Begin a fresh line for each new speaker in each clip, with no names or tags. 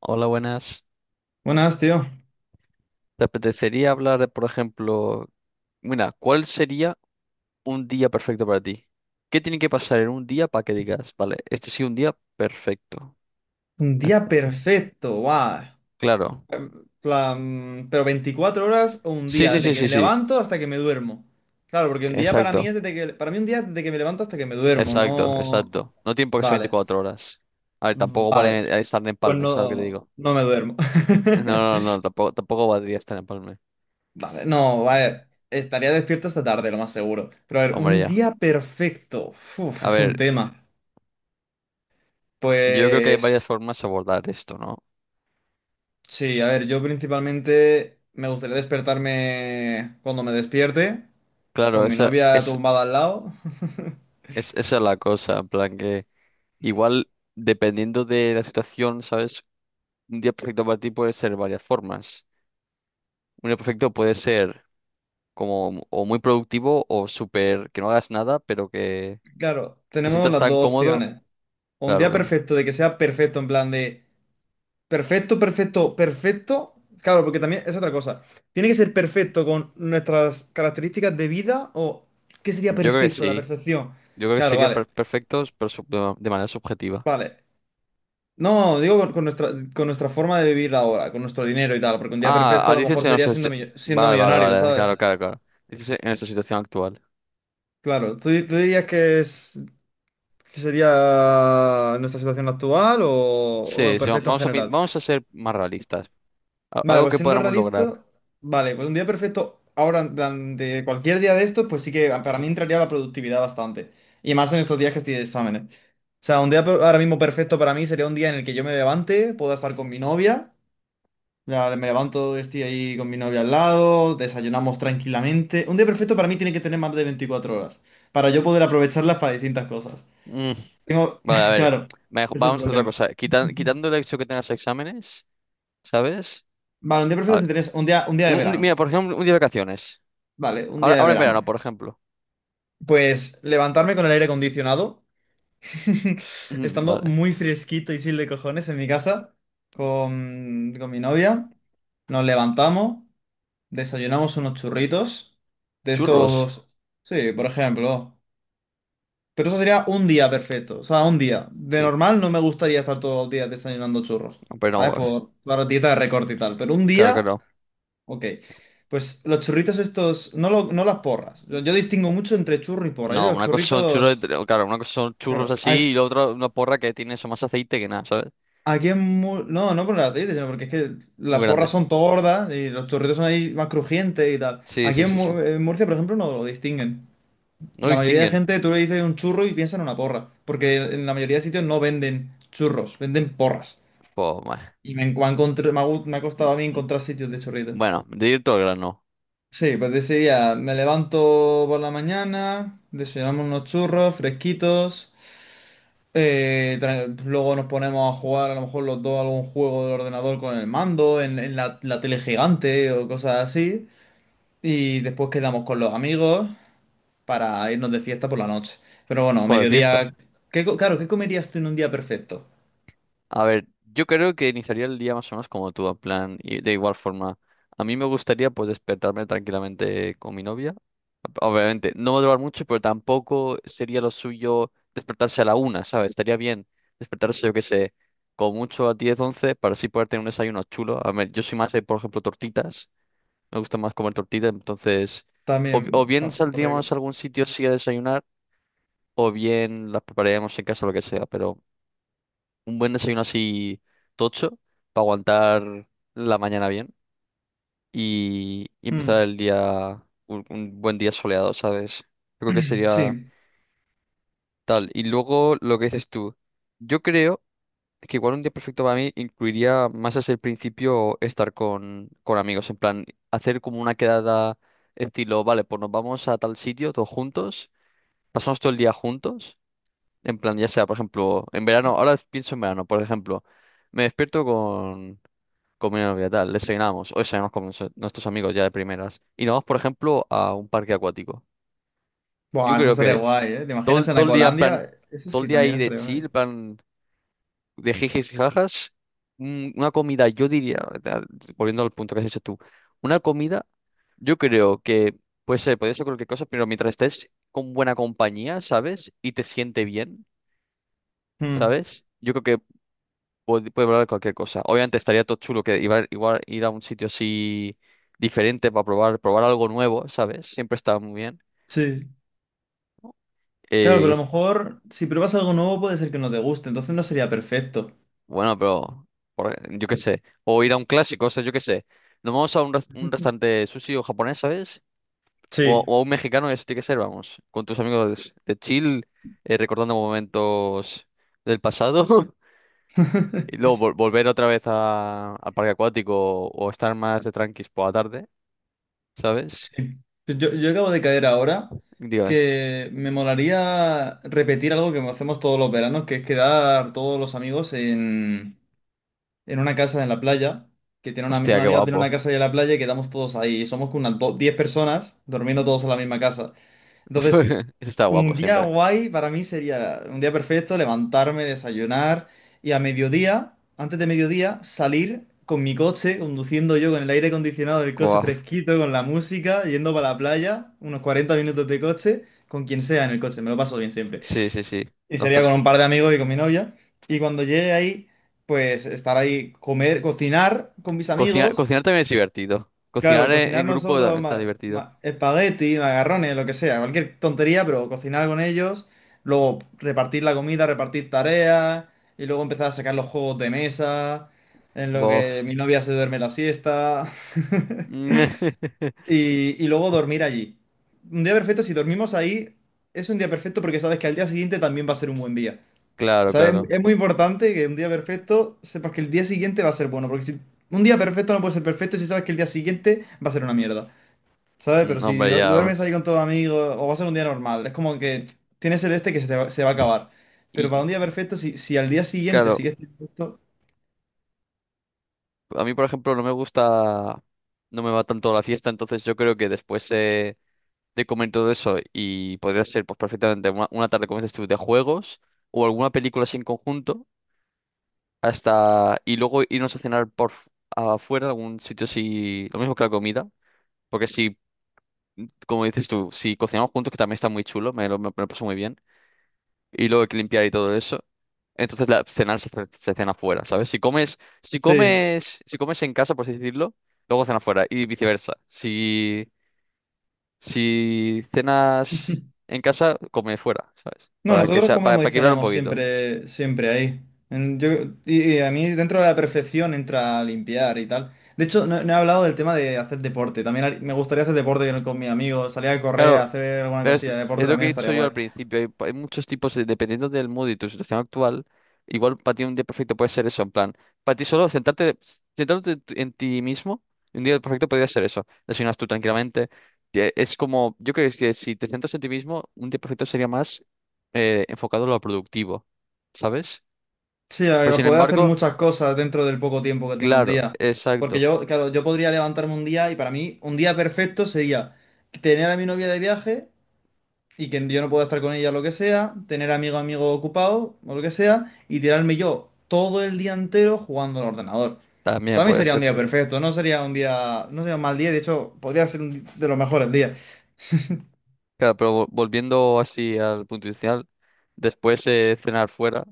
Hola, buenas.
Buenas, tío.
¿Te apetecería hablar de, por ejemplo, mira, cuál sería un día perfecto para ti? ¿Qué tiene que pasar en un día para que digas, vale, este sí un día perfecto?
Un
Es-
día perfecto, guau.
Claro.
Plan, pero 24 horas o un
Sí,
día,
sí,
desde
sí,
que
sí,
me
sí.
levanto hasta que me duermo. Claro, porque un día para mí es
Exacto,
desde que, para mí un día es desde que me levanto hasta que me duermo,
exacto,
no.
exacto. No tiene por qué ser
Vale,
24 horas. A ver, tampoco
vale.
vale estar en
Pues
Palme, ¿sabes lo que te
no,
digo?
no me duermo.
No, no, no, tampoco valdría estar en Palme.
Vale, no, vale. Estaría despierto esta tarde, lo más seguro. Pero a ver,
Hombre,
un
ya.
día perfecto. Uf,
A
es un
ver,
tema.
yo creo que hay varias
Pues
formas de abordar esto, ¿no?
sí, a ver, yo principalmente me gustaría despertarme cuando me despierte,
Claro,
con mi novia tumbada al lado.
esa es la cosa, en plan que. Igual, dependiendo de la situación, ¿sabes? Un día perfecto para ti puede ser varias formas. Un día perfecto puede ser como o muy productivo o súper que no hagas nada, pero que
Claro,
te
tenemos
sientas
las
tan
dos
cómodo.
opciones. O un
Claro,
día
claro.
perfecto, de que sea perfecto, en plan de perfecto, perfecto, perfecto. Claro, porque también es otra cosa. Tiene que ser perfecto con nuestras características de vida o ¿qué sería
Yo creo que
perfecto? La
sí.
perfección.
Yo creo que
Claro,
sería
vale,
perfectos, pero de manera subjetiva.
vale. No, digo con nuestra forma de vivir ahora, con nuestro dinero y tal, porque un día
Ah,
perfecto a
ah,
lo
dices
mejor
en
sería
nuestra.
siendo
Vale, vale,
millonario,
vale.
¿sabes?
Claro, claro, claro. Dices en nuestra situación actual.
Claro, tú dirías que es ¿qué sería nuestra situación actual o
Sí, sí, va-
perfecto en
vamos a, pin-
general?
vamos a ser más realistas.
Vale,
Algo
pues
que
siendo
podamos lograr.
realista, vale, pues un día perfecto, ahora, en plan, de cualquier día de estos, pues sí que para
Sí.
mí entraría la productividad bastante. Y más en estos días que estoy de exámenes. O sea, ahora mismo perfecto para mí sería un día en el que yo me levante, pueda estar con mi novia. Ya me levanto, estoy ahí con mi novia al lado, desayunamos tranquilamente. Un día perfecto para mí tiene que tener más de 24 horas, para yo poder aprovecharlas para distintas cosas. Tengo,
Vale, a ver,
claro, ese es el
vamos a hacer otra
problema.
cosa. Quitando el hecho que tengas exámenes, ¿sabes?
Vale, un día perfecto
A-
sin tener un día de verano.
Mira, por ejemplo, un día de vacaciones.
Vale, un
Ahora,
día de
ahora en
verano.
verano, por ejemplo.
Pues levantarme con el aire acondicionado, estando
Vale.
muy fresquito y sin de cojones en mi casa, con mi novia. Nos levantamos, desayunamos unos churritos de
¿Churros?
estos, sí, por ejemplo. Pero eso sería un día perfecto, o sea, un día. De
Sí.
normal no me gustaría estar todos los días desayunando churros,
No, pero no,
¿sabes?
pues,
Por la dieta de recorte y tal. Pero un
claro que
día.
no.
Ok, pues los churritos estos, no, no las porras. Yo distingo mucho entre churro y porra. Yo
No,
los
una cosa son churros,
churritos,
claro, una cosa son churros
claro,
así y la otra una porra que tiene eso más aceite que nada, ¿sabes?
no, no por las dientes, sino porque es que
Muy
las porras
grande.
son tordas y los churritos son ahí más crujientes y tal.
Sí,
Aquí
sí,
en,
sí, sí.
Mu- en Murcia, por ejemplo, no lo distinguen.
No
La mayoría de
distinguen.
gente, tú le dices un churro y piensa en una porra, porque en la mayoría de sitios no venden churros, venden porras.
Pues,
Y me, encu- me ha encontr- me ha gu- me ha costado a mí encontrar sitios de churritos.
bueno, de ir todo el grano.
Sí, pues decidía, me levanto por la mañana, desayunamos unos churros fresquitos, luego nos ponemos a jugar a lo mejor los dos algún juego del ordenador con el mando, en la tele gigante o cosas así, y después quedamos con los amigos para irnos de fiesta por la noche. Pero bueno,
Ojo de fiesta.
mediodía, claro, ¿qué comerías tú en un día perfecto?
A ver, yo creo que iniciaría el día más o menos como tú, en plan, y de igual forma. A mí me gustaría pues despertarme tranquilamente con mi novia. Obviamente, no va a durar mucho, pero tampoco sería lo suyo despertarse a la una, ¿sabes? Estaría bien despertarse, yo qué sé, con mucho a 10, 11 para así poder tener un desayuno chulo. A ver, yo soy más de, por ejemplo, tortitas. Me gusta más comer tortitas, entonces, o,
También
o bien
está muy rico.
saldríamos a algún sitio así a desayunar, o bien las prepararíamos en casa, lo que sea, pero un buen desayuno así tocho para aguantar la mañana bien y empezar
Mm.
el día, un buen día soleado, ¿sabes? Yo creo que sería
Sí.
tal. Y luego lo que dices tú, yo creo que igual un día perfecto para mí incluiría más desde el principio estar con amigos, en plan, hacer como una quedada estilo, vale, pues nos vamos a tal sitio todos juntos, pasamos todo el día juntos, en plan, ya sea, por ejemplo, en verano, ahora pienso en verano, por ejemplo. Me despierto con, comunidad obligatoria, desayunamos, o desayunamos con nuestros amigos ya de primeras. Y nos vamos, por ejemplo, a un parque acuático. Yo
Buah, eso
creo
estaría
que
guay, ¿eh? ¿Te imaginas en
todo el día, en plan,
Ecolandia? Eso
todo el
sí,
día
también
ahí de
estaría
chill,
guay.
en plan, de jijis y jajas, una comida, yo diría, ¿verdad? Volviendo al punto que has hecho tú, una comida, yo creo que puede ser cualquier cosa, pero mientras estés con buena compañía, ¿sabes? Y te siente bien,
Mm.
¿sabes? Yo creo que puede probar cualquier cosa. Obviamente estaría todo chulo que igual ir a un sitio así diferente para probar algo nuevo, ¿sabes? Siempre está muy bien.
Sí. Claro,
Eh, y
pero a lo
es-
mejor si pruebas algo nuevo puede ser que no te guste, entonces no sería perfecto.
bueno, pero yo qué sé. O ir a un clásico, o sea, yo qué sé. Nos vamos a un restaurante sushi o japonés, ¿sabes? O,
Sí.
o a un mexicano, eso tiene que ser, vamos. Con tus amigos de chill, recordando momentos del pasado. Y luego volver otra vez al parque acuático o estar más de tranquis por la tarde, ¿sabes?
Sí. Yo acabo de caer ahora
Digo.
que me molaría repetir algo que hacemos todos los veranos, que es quedar todos los amigos en una casa en la playa, que tiene una,
Hostia,
una
qué
amiga tiene una
guapo.
casa ahí en la playa y quedamos todos ahí. Somos como 10 personas durmiendo todos en la misma casa. Entonces,
Eso está guapo
un día
siempre.
guay para mí sería un día perfecto, levantarme, desayunar y a mediodía, antes de mediodía, salir con mi coche, conduciendo yo con el aire acondicionado del coche
Guau.
fresquito, con la música, yendo para la playa, unos 40 minutos de coche, con quien sea en el coche, me lo paso bien siempre.
Sí, sí, sí.
Y
Los
sería
co-
con un par de amigos y con mi novia. Y cuando llegue ahí, pues estar ahí, comer, cocinar con mis
cocinar,
amigos.
cocinar también es divertido. Cocinar
Claro,
en,
cocinar
en grupo también
nosotros
está divertido.
espagueti, macarrones, lo que sea, cualquier tontería, pero cocinar con ellos, luego repartir la comida, repartir tareas, y luego empezar a sacar los juegos de mesa, en lo que
Bof.
mi novia se duerme la siesta, y luego dormir allí. Un día perfecto, si dormimos ahí, es un día perfecto porque sabes que al día siguiente también va a ser un buen día.
Claro,
¿Sabes? Es muy
claro.
es muy importante que un día perfecto sepas que el día siguiente va a ser bueno, porque si un día perfecto no puede ser perfecto si sabes que el día siguiente va a ser una mierda. ¿Sabes? Pero si
Hombre, ya,
duermes ahí
pues.
con tus amigos o va a ser un día normal, es como que tienes el este que se, te va, se va a acabar. Pero para
Y
un día perfecto, si al día siguiente
claro,
sigues teniendo esto.
a mí, por ejemplo, no me gusta, no me va tanto la fiesta, entonces yo creo que después de comer todo eso y podría ser pues perfectamente una tarde, como dices tú, de juegos o alguna película así en conjunto. Hasta y luego irnos a cenar afuera, algún sitio así, lo mismo que la comida, porque si, como dices tú, si cocinamos juntos, que también está muy chulo, me lo paso muy bien, y luego hay que limpiar y todo eso, entonces la cenar se, se cena afuera, ¿sabes? Si comes, si
Sí.
comes, si comes en casa, por así decirlo, luego cena afuera, y viceversa. Si, si cenas en casa, come fuera, ¿sabes?
No,
Para que
nosotros
sea, para,
comemos y
para equilibrar un
cenamos
poquito.
siempre, siempre ahí. En- yo- y a mí dentro de la perfección entra limpiar y tal. De hecho, no, no he hablado del tema de hacer deporte. También me gustaría hacer deporte con mis amigos, salir a correr,
Claro,
hacer alguna
Es,
cosilla de deporte
es lo que he
también estaría
dicho yo
guay.
al principio, hay muchos tipos, de- dependiendo del mood y tu situación actual, igual para ti un día perfecto puede ser eso, en plan, para ti solo sentarte, sentarte en ti mismo, un día perfecto podría ser eso, desayunas tú tranquilamente, es como, yo creo que es que si te centras en ti mismo, un día perfecto sería más enfocado a lo productivo, ¿sabes?
Sí,
Pero
a
sin
poder hacer
embargo,
muchas cosas dentro del poco tiempo que tiene un
claro,
día. Porque
exacto,
yo, claro, yo podría levantarme un día y para mí un día perfecto sería tener a mi novia de viaje y que yo no pueda estar con ella lo que sea, tener amigo ocupado o lo que sea y tirarme yo todo el día entero jugando al ordenador.
también
También
puede
sería un
ser
día
perfecto.
perfecto, no sería un día, no sería un mal día, de hecho podría ser de los mejores días.
Claro, pero volviendo así al punto inicial, después cenar fuera.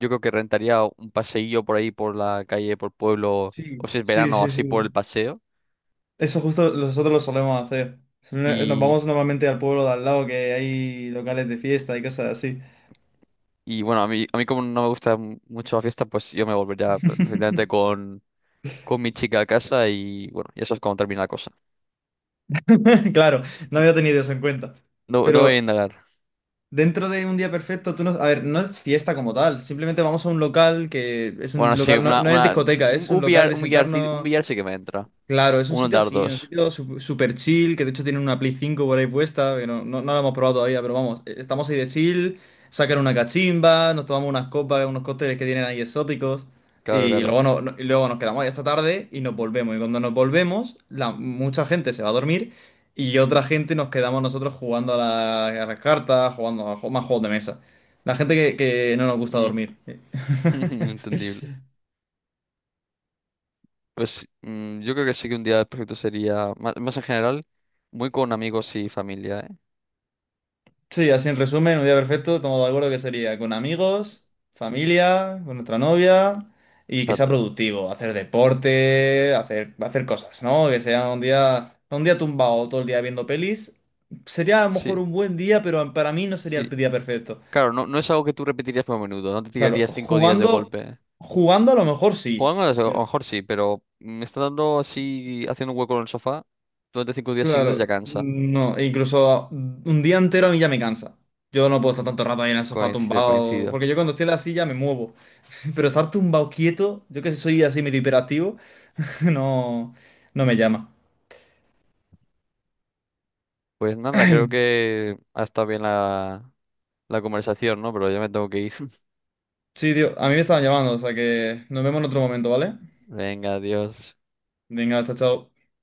Yo creo que rentaría un paseillo por ahí, por la calle, por pueblo,
Sí,
o si es
sí,
verano,
sí,
así por el
sí.
paseo.
Eso justo nosotros lo solemos hacer. Nos vamos
Y,
normalmente al pueblo de al lado, que hay locales de fiesta y cosas así.
y bueno, a mí como no me gusta mucho la fiesta, pues yo me volvería precisamente con mi chica a casa y bueno, y eso es cuando termina la cosa.
Claro, no había tenido eso en cuenta.
No, no voy a
Pero
indagar.
dentro de un día perfecto, tú no. A ver, no es fiesta como tal. Simplemente vamos a un local que es
Bueno,
un
sí,
local, no,
una,
no es
una,
discoteca,
un,
es un
un
local
billar,
de
un
sentarnos.
billar sí que me entra.
Claro, es un
Un
sitio así, un
dardos.
sitio super chill, que de hecho tiene una Play 5 por ahí puesta, que no, no, no la hemos probado todavía, pero vamos, estamos ahí de chill, sacan una cachimba, nos tomamos unas copas, unos cócteles que tienen ahí exóticos,
Claro,
y
claro.
luego, no- no- y luego nos quedamos ahí hasta tarde y nos volvemos. Y cuando nos volvemos, la, mucha gente se va a dormir y otra gente nos quedamos nosotros jugando a las cartas, jugando más juegos de mesa. La gente que no nos gusta
Mm,
dormir.
Entendible. Pues yo creo que sí que un día perfecto sería, más en general, muy con amigos y familia, ¿eh?
Sí, así en resumen, un día perfecto, estamos de acuerdo que sería con amigos, familia, con nuestra novia y que sea
Exacto.
productivo, hacer deporte, hacer, hacer cosas, ¿no? Que sea un día tumbado todo el día viendo pelis. Sería a lo mejor
Sí.
un buen día, pero para mí no sería el
Sí,
día perfecto.
claro, no, no es algo que tú repetirías por menudo, no te
Claro,
tirarías 5 días de
jugando,
golpe.
jugando a lo mejor sí.
Jugando a
Sí.
lo mejor sí, pero me está dando así, haciendo un hueco en el sofá durante 5 días seguidos ya
Claro,
cansa.
no, e incluso un día entero a mí ya me cansa. Yo no puedo estar tanto rato ahí en el sofá
Coincido,
tumbado,
coincido.
porque yo cuando estoy en la silla me muevo. Pero estar tumbado quieto, yo que soy así medio hiperactivo, no, no me llama.
Pues nada, creo que ha estado bien la conversación, ¿no? Pero ya me tengo que ir.
Sí, tío, a mí me estaban llamando, o sea que nos vemos en otro momento, ¿vale?
Venga, adiós.
Venga, chao, chao.